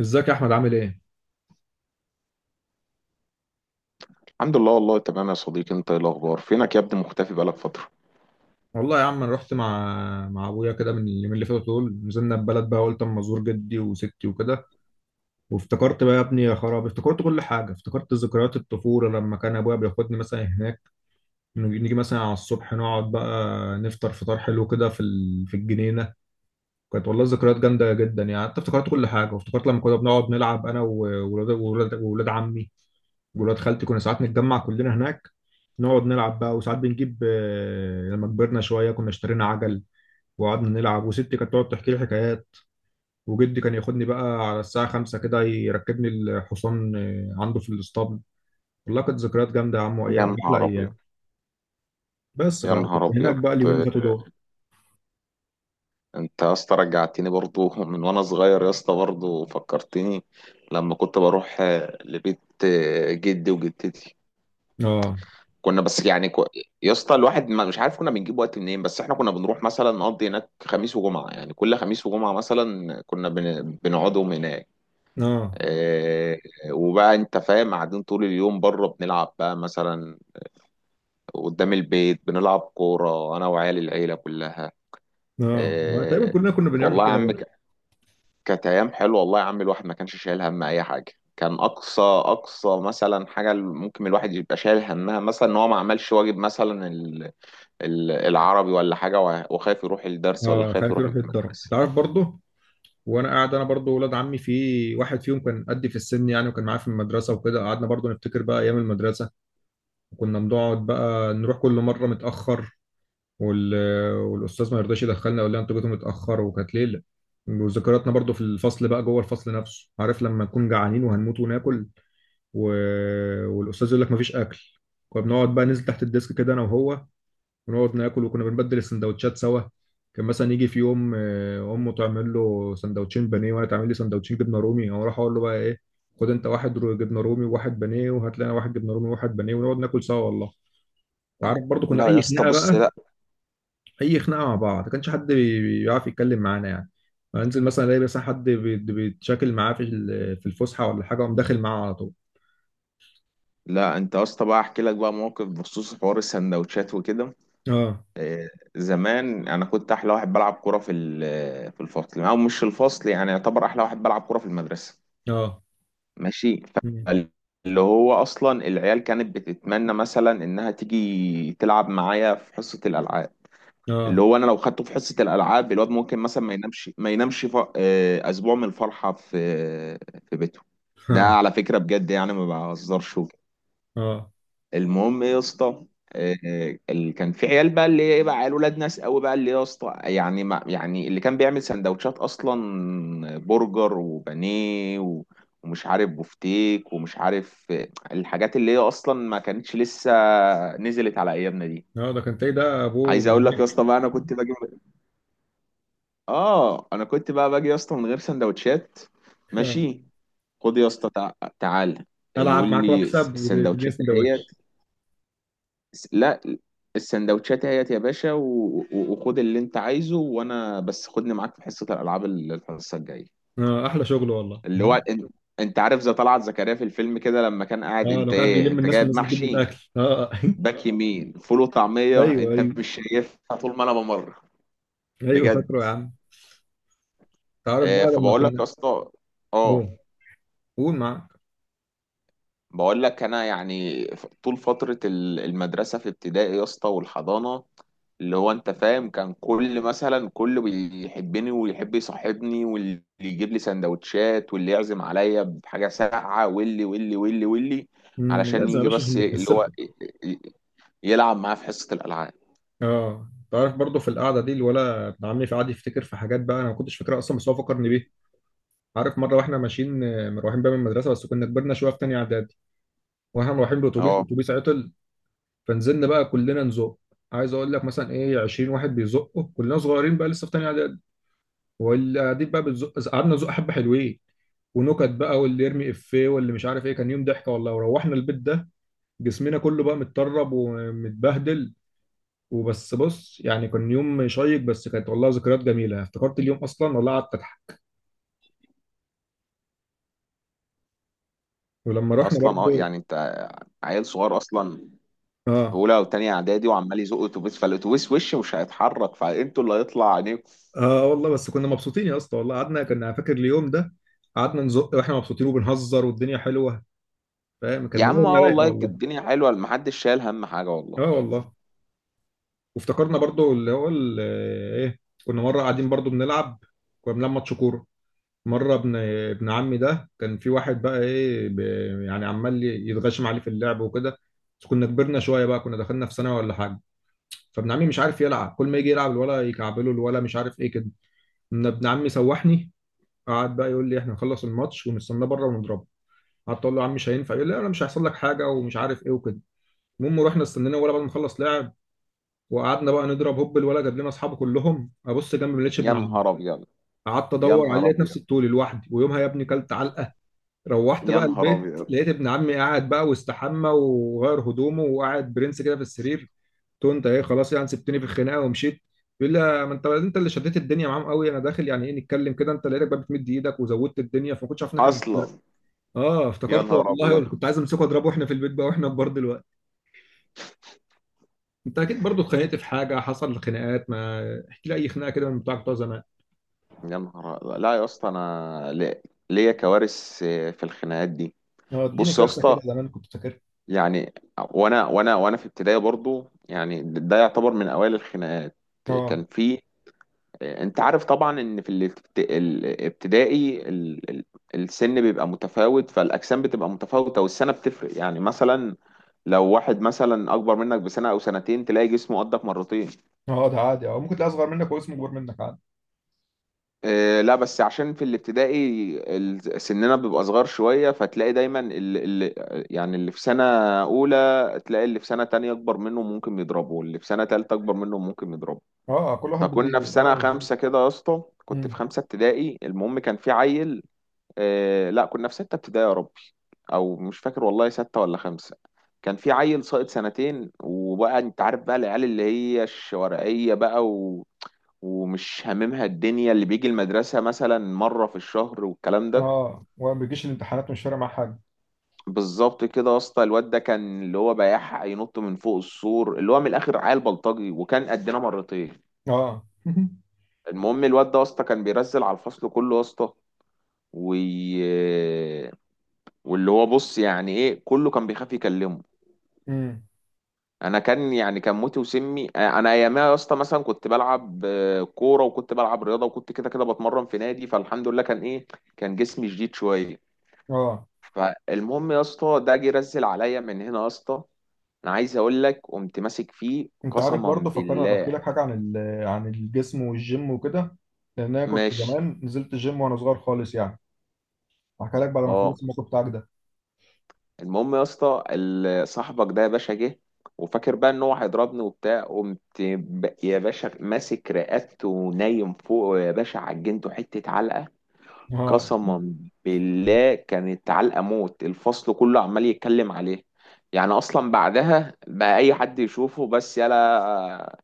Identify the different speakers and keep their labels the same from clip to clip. Speaker 1: ازيك يا احمد، عامل ايه؟
Speaker 2: الحمد لله والله تمام يا صديقي. انت ايه الاخبار؟ فينك يا ابني؟ مختفي بقالك فترة.
Speaker 1: والله يا عم، انا رحت مع ابويا كده من اليومين اللي فاتوا دول. نزلنا البلد بقى، قلت اما ازور جدي وستي وكده. وافتكرت بقى يا ابني يا خراب، افتكرت كل حاجه، افتكرت ذكريات الطفوله لما كان ابويا بياخدني مثلا هناك. نيجي مثلا على الصبح، نقعد بقى نفطر فطار حلو كده في الجنينه. كانت والله ذكريات جامده جدا يعني. حتى افتكرت كل حاجه، وافتكرت لما كنا بنقعد نلعب انا وولاد وولاد عمي وولاد خالتي. كنا ساعات نتجمع كلنا هناك نقعد نلعب بقى. وساعات بنجيب لما كبرنا شويه كنا اشترينا عجل وقعدنا نلعب. وستي كانت تقعد تحكي لي حكايات، وجدي كان ياخدني بقى على الساعة 5 كده يركبني الحصان عنده في الاسطبل. والله كانت ذكريات جامدة يا عم،
Speaker 2: يا
Speaker 1: وأيام أحلى
Speaker 2: نهار ابيض.
Speaker 1: أيام. بس
Speaker 2: يا نهار
Speaker 1: فكنت هناك
Speaker 2: ابيض.
Speaker 1: بقى اليومين اللي فاتوا دول.
Speaker 2: انت يا اسطى رجعتني برضو من وانا صغير يا اسطى، برضو فكرتني لما كنت بروح لبيت جدي وجدتي.
Speaker 1: اه.
Speaker 2: كنا بس يعني كو... يا اسطى الواحد ما مش عارف كنا بنجيب وقت منين، بس احنا كنا بنروح مثلا نقضي هناك خميس وجمعة، يعني كل خميس وجمعة مثلا كنا بنقعدهم هناك.
Speaker 1: اه.
Speaker 2: اه. وبقى انت فاهم، قاعدين طول اليوم بره بنلعب بقى مثلا قدام البيت، بنلعب كورة انا وعيال العيلة كلها.
Speaker 1: اه. ما تقريبا
Speaker 2: اه.
Speaker 1: كلنا كنا بنعمل
Speaker 2: والله يا
Speaker 1: كده
Speaker 2: عم
Speaker 1: برضه.
Speaker 2: كانت ايام حلوة والله يا عم. الواحد ما كانش شايل هم اي حاجة، كان اقصى اقصى مثلا حاجه ممكن الواحد يبقى شايل همها مثلا ان هو ما عملش واجب مثلا العربي ولا حاجة، وخايف يروح الدرس ولا
Speaker 1: اه،
Speaker 2: خايف
Speaker 1: خايف
Speaker 2: يروح
Speaker 1: يروح يتضرب، انت
Speaker 2: المدرسة.
Speaker 1: عارف برضه. وانا قاعد، انا برضه ولاد عمي في واحد فيهم كان قدي في السن يعني، وكان معايا في المدرسه وكده، قعدنا برضه نفتكر بقى ايام المدرسه. وكنا بنقعد بقى نروح كل مره متاخر، وال... والاستاذ ما يرضاش يدخلنا، يقول لنا انتوا جيتوا متاخر. وكانت ليله. وذكرياتنا برضو في الفصل بقى، جوه الفصل نفسه، عارف لما نكون جعانين وهنموت وناكل و... والاستاذ يقول لك مفيش اكل. كنا بنقعد بقى ننزل تحت الديسك كده انا وهو، ونقعد ناكل. وكنا بنبدل السندوتشات سوا. كان مثلا يجي في يوم امه تعمل له سندوتشين بانيه، وانا تعمل لي سندوتشين جبنه رومي. او اروح اقول له بقى: ايه، خد انت واحد جبنه رومي وواحد بانيه، وهات لنا واحد جبنه رومي وواحد بانيه، ونقعد ناكل سوا والله. وعارف برضو كنا
Speaker 2: لا يا
Speaker 1: اي
Speaker 2: اسطى،
Speaker 1: خناقه
Speaker 2: بص،
Speaker 1: بقى،
Speaker 2: لا.
Speaker 1: اي خناقه مع بعض، ما كانش حد بيعرف يتكلم معانا يعني. انزل مثلا الاقي مثلا حد بيتشاكل معاه في في الفسحه ولا حاجه، اقوم داخل معاه على طول.
Speaker 2: لا انت يا اسطى بقى احكي لك بقى موقف بخصوص حوار السندوتشات وكده.
Speaker 1: اه.
Speaker 2: آه، زمان انا كنت احلى واحد بلعب كوره في في الفصل، او مش في الفصل، يعني يعتبر احلى واحد بلعب كوره في المدرسه.
Speaker 1: اه.
Speaker 2: ماشي.
Speaker 1: مم.
Speaker 2: اللي هو اصلا العيال كانت بتتمنى مثلا انها تيجي تلعب معايا في حصه الالعاب. اللي
Speaker 1: اه.
Speaker 2: هو انا لو خدته في حصه الالعاب الواد ممكن مثلا ما ينامش ف... آه، اسبوع من الفرحه في في بيته. ده
Speaker 1: اه.
Speaker 2: على فكره بجد يعني ما بهزرش وكده.
Speaker 1: اه.
Speaker 2: المهم إيه يا اسطى؟ اللي كان في عيال بقى، اللي ايه بقى، عيال ولاد ناس قوي بقى، اللي يا اسطى يعني ما يعني اللي كان بيعمل سندوتشات اصلا برجر وبانيه و... ومش عارف بفتيك، ومش عارف الحاجات اللي هي اصلا ما كانتش لسه نزلت على ايامنا دي.
Speaker 1: ده كان تلاقي ده ابوه
Speaker 2: عايز اقول لك يا
Speaker 1: مليونير.
Speaker 2: اسطى بقى، انا كنت باجي. اه انا كنت بقى باجي يا اسطى من غير سندوتشات.
Speaker 1: آه.
Speaker 2: ماشي. خد يا اسطى، تعال، يقول
Speaker 1: العب معاك
Speaker 2: لي
Speaker 1: واكسب وتديني
Speaker 2: السندوتشات اهيت.
Speaker 1: سندوتش.
Speaker 2: لا، السندوتشات اهيت يا باشا، وخد اللي انت عايزه، وانا بس خدني معاك في حصه الالعاب الحصه الجايه.
Speaker 1: اه، احلى شغل والله.
Speaker 2: اللي هو
Speaker 1: مم.
Speaker 2: انت, انت عارف زي طلعت زكريا في الفيلم كده لما كان قاعد
Speaker 1: اه،
Speaker 2: انت
Speaker 1: لو كان
Speaker 2: ايه
Speaker 1: بيلم
Speaker 2: انت
Speaker 1: الناس
Speaker 2: جايب
Speaker 1: والناس بتجيب له
Speaker 2: محشي،
Speaker 1: الاكل. اه
Speaker 2: باك يمين فول وطعميه،
Speaker 1: ايوه
Speaker 2: انت
Speaker 1: ايوه.
Speaker 2: مش شايفها طول ما انا بمر.
Speaker 1: ايوه
Speaker 2: بجد.
Speaker 1: فاكره يا عم. تعرف بقى
Speaker 2: آه،
Speaker 1: لما
Speaker 2: فبقول لك يا
Speaker 1: كنا.
Speaker 2: اسطى، اه
Speaker 1: اوه. قول معاك.
Speaker 2: بقول لك انا يعني طول فتره المدرسه في ابتدائي يا اسطى والحضانه، اللي هو انت فاهم كان كل مثلا كله بيحبني ويحب يصاحبني واللي يجيب لي سندوتشات واللي يعزم عليا بحاجه ساقعه، واللي واللي واللي واللي،
Speaker 1: مم،
Speaker 2: علشان
Speaker 1: لازم يا
Speaker 2: يجي
Speaker 1: باشا
Speaker 2: بس
Speaker 1: عشان
Speaker 2: ي- اللي هو
Speaker 1: بتكسبكم.
Speaker 2: ي- ي- يلعب معاه في حصه الالعاب.
Speaker 1: اه، تعرف برضه في القعده دي الولا ابن عمي في قعد يفتكر في حاجات بقى انا ما كنتش فاكرها اصلا، بس هو فكرني بيها. عارف مره واحنا ماشيين مروحين بقى من المدرسه، بس كنا كبرنا شويه، في تانيه اعدادي، واحنا مروحين بالاتوبيس،
Speaker 2: اه.
Speaker 1: الاتوبيس عطل. فنزلنا بقى كلنا نزق. عايز اقول لك مثلا ايه، 20 واحد بيزقوا، كلنا صغيرين بقى لسه في تانيه اعدادي. واللي قاعدين بقى بتزق، قعدنا نزق حبه حلوين، ونكت بقى، واللي يرمي افيه واللي مش عارف ايه. كان يوم ضحكه والله. وروحنا البيت ده جسمنا كله بقى متطرب ومتبهدل. وبس بص، يعني كان يوم شيق. بس كانت والله ذكريات جميله، افتكرت اليوم اصلا والله قعدت اضحك. ولما رحنا
Speaker 2: اصلا اه
Speaker 1: برضو.
Speaker 2: يعني انت عيل صغير اصلا في
Speaker 1: اه.
Speaker 2: اولى او تانية اعدادي وعمال يزق اتوبيس فالاتوبيس وش مش هيتحرك فانتوا اللي هيطلع
Speaker 1: اه والله، بس كنا مبسوطين يا اسطى والله. قعدنا، كنا فاكر اليوم ده، قعدنا نزق واحنا مبسوطين وبنهزر والدنيا حلوه. فاهم
Speaker 2: يا
Speaker 1: كان
Speaker 2: عم
Speaker 1: دماغنا
Speaker 2: اه
Speaker 1: رايقه
Speaker 2: والله كانت
Speaker 1: والله.
Speaker 2: الدنيا حلوه محدش شايل هم حاجه والله
Speaker 1: اه والله. وافتكرنا برضو اللي هو ايه، كنا مره قاعدين برضو بنلعب، كنا بنلعب ماتش كوره. مره ابن عمي ده كان في واحد بقى ايه يعني عمال يتغشم عليه في اللعب وكده. بس كنا كبرنا شويه بقى، كنا دخلنا في ثانوي ولا حاجه. فابن عمي مش عارف يلعب، كل ما يجي يلعب الولا يكعبله، الولا مش عارف ايه كده. إن ابن عمي سوحني. قعد بقى يقول لي احنا هنخلص الماتش ونستناه بره ونضربه. قعدت اقول له: يا عم مش هينفع. يقول لي انا مش هيحصل لك حاجه ومش عارف ايه وكده. المهم رحنا استنينا الولا بعد ما خلص لعب، وقعدنا بقى نضرب. هوب، الولا جاب لنا اصحابه كلهم. ابص جنبي ما لقيتش
Speaker 2: يا
Speaker 1: ابن عمي.
Speaker 2: نهار ابيض
Speaker 1: قعدت
Speaker 2: يا
Speaker 1: ادور عليه،
Speaker 2: نهار
Speaker 1: لقيت
Speaker 2: ابيض
Speaker 1: نفسي الطول لوحدي. ويومها يا ابني كلت علقه. روحت
Speaker 2: يا
Speaker 1: بقى
Speaker 2: نهار
Speaker 1: البيت
Speaker 2: ابيض
Speaker 1: لقيت ابن عمي قاعد بقى واستحمى وغير هدومه وقاعد برنس كده في السرير. قلت له انت ايه، خلاص يعني سبتني في الخناقه ومشيت؟ بيقول لي: ما انت انت اللي شديت الدنيا معاهم قوي، انا داخل يعني ايه نتكلم كده، انت لقيتك بقى بتمد ايدك وزودت الدنيا، فما كنتش عارف ان احنا بنتفرق.
Speaker 2: اصلا
Speaker 1: اه
Speaker 2: يا
Speaker 1: افتكرت
Speaker 2: نهار
Speaker 1: والله، ولا
Speaker 2: ابيض
Speaker 1: كنت عايز امسكه اضربه واحنا في البيت بقى واحنا كبار دلوقتي. انت اكيد برضو اتخانقت في حاجه، حصل خناقات ما. احكي لي اي خناقه كده من بتوعك بتوع زمان.
Speaker 2: يا نهار أبيض. لا يا اسطى انا لي- ليا كوارث في الخناقات دي
Speaker 1: اه، اديني
Speaker 2: بص يا
Speaker 1: كارثه
Speaker 2: اسطى
Speaker 1: كده زمان كنت فاكرها.
Speaker 2: يعني وانا وانا وانا في ابتدائي برضو يعني ده يعتبر من اوائل الخناقات
Speaker 1: اه.
Speaker 2: كان في انت عارف طبعا ان في الابت- الابتدائي ال- ال- السن بيبقى متفاوت فالاجسام بتبقى متفاوته والسنه بتفرق يعني مثلا لو واحد مثلا اكبر منك بسنه او سنتين تلاقي جسمه قدك مرتين
Speaker 1: اه، ده عادي. اه ممكن تلاقي اصغر منك واسمه اكبر منك عادي.
Speaker 2: اه لا بس عشان في الابتدائي ال- سننا بيبقى صغار شويه فتلاقي دايما اللي يعني اللي في سنه اولى تلاقي اللي في سنه تانية اكبر منه ممكن يضربه واللي في سنه تالتة اكبر منه ممكن يضربه
Speaker 1: اه، كل واحد
Speaker 2: فكنا في
Speaker 1: بيجي. اه،
Speaker 2: سنه خمسه
Speaker 1: بالظبط.
Speaker 2: كده يا اسطى كنت
Speaker 1: امم.
Speaker 2: في خمسه ابتدائي المهم كان في عيل آه لا كنا في ستة ابتدائي يا ربي او مش فاكر والله ستة ولا خمسة كان في عيل ساقط سنتين وبقى انت عارف بقى العيال اللي هي الشوارعية بقى و... ومش هاممها الدنيا اللي بيجي المدرسة مثلا مرة في الشهر والكلام ده
Speaker 1: اه، وما بيجيش الامتحانات مش فارق معاه حاجه.
Speaker 2: بالظبط كده يا اسطى الواد ده كان اللي هو بيحق ينط من فوق السور اللي هو من الاخر عيل بلطجي وكان قدنا مرتين
Speaker 1: اه
Speaker 2: المهم الواد ده يا اسطى كان بيرزل على الفصل كله يا اسطى وي... واللي هو بص يعني ايه كله كان بيخاف يكلمه
Speaker 1: امم.
Speaker 2: انا كان يعني كان موتي وسمي آه، انا ايامها يا اسطى مثلا كنت بلعب آه، كوره وكنت بلعب رياضه وكنت كده كده بتمرن في نادي فالحمد لله كان ايه كان جسمي شديد شويه
Speaker 1: اه،
Speaker 2: فالمهم يا اسطى ده جه رزل عليا من هنا يا اسطى انا عايز اقول لك قمت ماسك فيه
Speaker 1: انت عارف
Speaker 2: قسما
Speaker 1: برضه فكرني انا بحكي
Speaker 2: بالله
Speaker 1: لك حاجه عن عن الجسم والجيم وكده. لان انا كنت
Speaker 2: ماشي
Speaker 1: زمان نزلت الجيم وانا صغير خالص يعني. هحكي لك بعد ما اخلص
Speaker 2: اه
Speaker 1: الموقف بتاعك ده.
Speaker 2: المهم يا اسطى ال- صاحبك ده يا باشا جه وفاكر بقى ان هو هيضربني وبتاع قمت ب- يا باشا ماسك رقبته ونايم فوق يا باشا عجنته حته علقه
Speaker 1: اه.
Speaker 2: قسما بالله كانت علقة موت الفصل كله عمال يتكلم عليه يعني اصلا بعدها بقى اي حد يشوفه بس يلا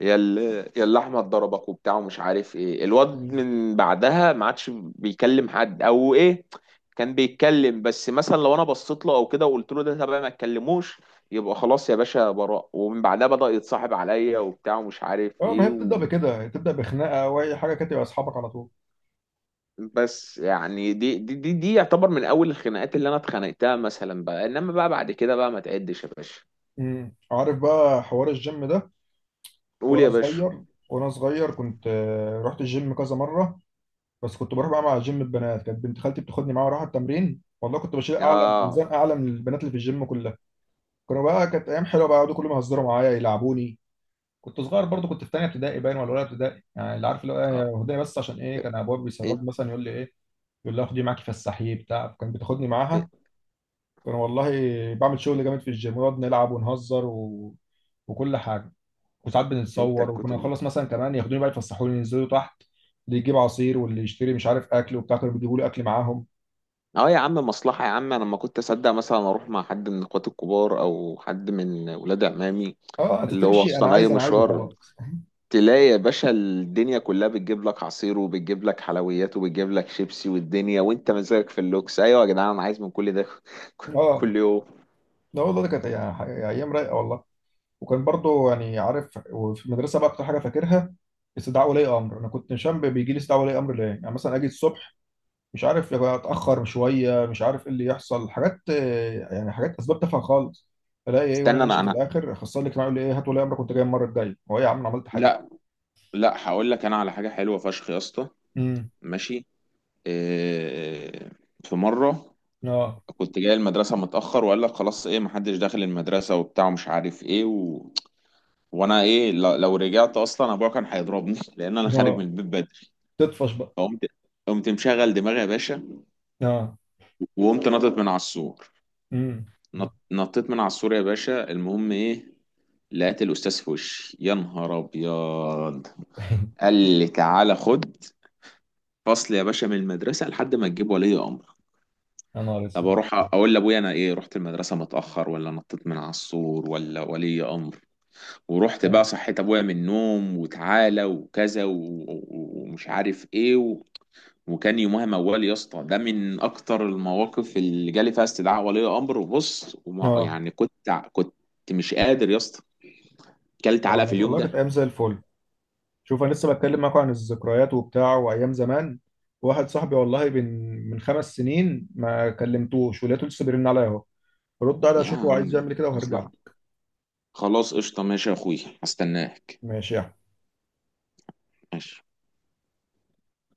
Speaker 2: يا ال- يا اللي احمد ضربك وبتاع ومش عارف ايه الواد من بعدها ما عادش بيكلم حد او ايه كان بيتكلم بس مثلا لو انا بصيت له او كده وقلت له ده تبقى ما تكلموش يبقى خلاص يا باشا براء ومن بعدها بدأ يتصاحب عليا وبتاع ومش عارف
Speaker 1: اه، ما
Speaker 2: ايه
Speaker 1: هي بتبدا بكده، تبدا بخناقه او اي حاجه كده يبقى اصحابك على طول.
Speaker 2: بس يعني دي دي دي, دي يعتبر من اول الخناقات اللي انا اتخانقتها مثلا بقى انما بقى بعد كده بقى ما تعدش يا باشا
Speaker 1: امم. عارف بقى حوار الجيم ده،
Speaker 2: قول
Speaker 1: وانا
Speaker 2: يا باشا
Speaker 1: صغير وانا صغير كنت رحت الجيم كذا مره. بس كنت بروح بقى مع جيم البنات، كانت بنت خالتي بتاخدني معاها اروح التمرين. والله كنت بشيل اعلى
Speaker 2: اه
Speaker 1: ميزان اعلى من البنات اللي في الجيم كلها. كانوا بقى كانت ايام حلوه بقى، يقعدوا كل ما يهزروا معايا يلعبوني. كنت صغير برضو كنت في تانية ابتدائي باين ولا اولى ابتدائي يعني، اللي عارف اللي هو
Speaker 2: اه
Speaker 1: هديه. بس عشان ايه كان ابويا
Speaker 2: انت
Speaker 1: بيسرب مثلا يقول لي ايه، يقول لي خدي معاكي فسحيه بتاع، كان بتاخدني معاها. كان والله بعمل شغل جامد في الجيم، ونقعد نلعب ونهزر وكل حاجه. وساعات
Speaker 2: انت
Speaker 1: بنتصور.
Speaker 2: كنت
Speaker 1: وكنا
Speaker 2: م-
Speaker 1: نخلص مثلا كمان، ياخدوني بقى يفسحوني، ينزلوا تحت اللي يجيب عصير واللي يشتري مش عارف اكل وبتاع، كانوا بيجيبوا لي اكل معاهم.
Speaker 2: اه يا عم مصلحة يا عم. انا لما كنت اصدق مثلا اروح مع حد من اخواتي الكبار او حد من ولاد عمامي،
Speaker 1: اه، انت
Speaker 2: اللي هو
Speaker 1: تمشي انا
Speaker 2: اصلا اي
Speaker 1: عايز انا عايز
Speaker 2: مشوار
Speaker 1: وخلاص.
Speaker 2: تلاقي يا باشا الدنيا كلها بتجيب لك عصير، وبتجيب لك حلويات، وبتجيب لك شيبسي، والدنيا وانت مزاجك في اللوكس. ايوه يا جدعان انا عايز من كل ده
Speaker 1: اه
Speaker 2: كل يوم.
Speaker 1: لا والله، ده كانت يعني ايام رايقه والله. وكان برضو يعني عارف، وفي المدرسه بقى اكتر حاجه فاكرها استدعاء ولي امر. انا كنت نشان بيجي لي استدعاء ولي امر ليه. يعني مثلا اجي الصبح، مش عارف يبقى اتاخر شويه، مش عارف ايه اللي يحصل، حاجات يعني حاجات اسباب تافهه خالص. الاقي ايه وانا
Speaker 2: استنى، انا
Speaker 1: ماشي في
Speaker 2: انا
Speaker 1: الاخر اخصائي الاجتماعي يقول لي: ايه، هات ولي امرك كنت جاي المره الجايه. هو ايه يا عم، أنا عملت حاجه؟
Speaker 2: لا لا، هقول لك انا على حاجه حلوه فشخ يا اسطى.
Speaker 1: امم.
Speaker 2: ماشي. إيه. في مره
Speaker 1: اه
Speaker 2: كنت جاي المدرسه متاخر، وقال لك خلاص ايه محدش داخل المدرسه وبتاع ومش عارف ايه، و... وانا ايه، لو رجعت اصلا ابويا كان هيضربني لان انا خارج من
Speaker 1: اه،
Speaker 2: البيت بدري.
Speaker 1: تطفش بقى.
Speaker 2: فقمت، قمت مشغل دماغي يا باشا،
Speaker 1: اه.
Speaker 2: وقمت نطت من على السور.
Speaker 1: امم.
Speaker 2: نطيت من على السور يا باشا. المهم ايه، لقيت الاستاذ في وشي، يا نهار ابيض. قال لي تعالى خد فصل يا باشا من المدرسه لحد ما تجيب ولي امر.
Speaker 1: يا نهار
Speaker 2: طب
Speaker 1: اسود.
Speaker 2: اروح اقول لابويا انا ايه، رحت المدرسه متاخر، ولا نطيت من على السور، ولا ولي امر؟ ورحت بقى
Speaker 1: اه.
Speaker 2: صحيت ابويا من النوم وتعالى وكذا ومش عارف ايه و... وكان يومها موال يا اسطى، ده من اكتر المواقف اللي جالي فيها استدعاء ولي امر، وبص وما
Speaker 1: اه.
Speaker 2: يعني كنت مش قادر يا اسطى. كلت علقه
Speaker 1: والله
Speaker 2: في اليوم
Speaker 1: والله
Speaker 2: ده.
Speaker 1: كانت ايام زي الفل. شوف انا لسه بتكلم معاكم عن الذكريات وبتاع وايام زمان. واحد صاحبي والله من 5 سنين ما كلمتوش، ولقيته لسه بيرن عليا اهو. رد عليه
Speaker 2: يا
Speaker 1: اشوفه عايز
Speaker 2: عم
Speaker 1: يعمل كده
Speaker 2: اصلا،
Speaker 1: وهرجع.
Speaker 2: خلاص قشطه ماشي يا اخويا، هستناك.
Speaker 1: ماشي يا
Speaker 2: ماشي.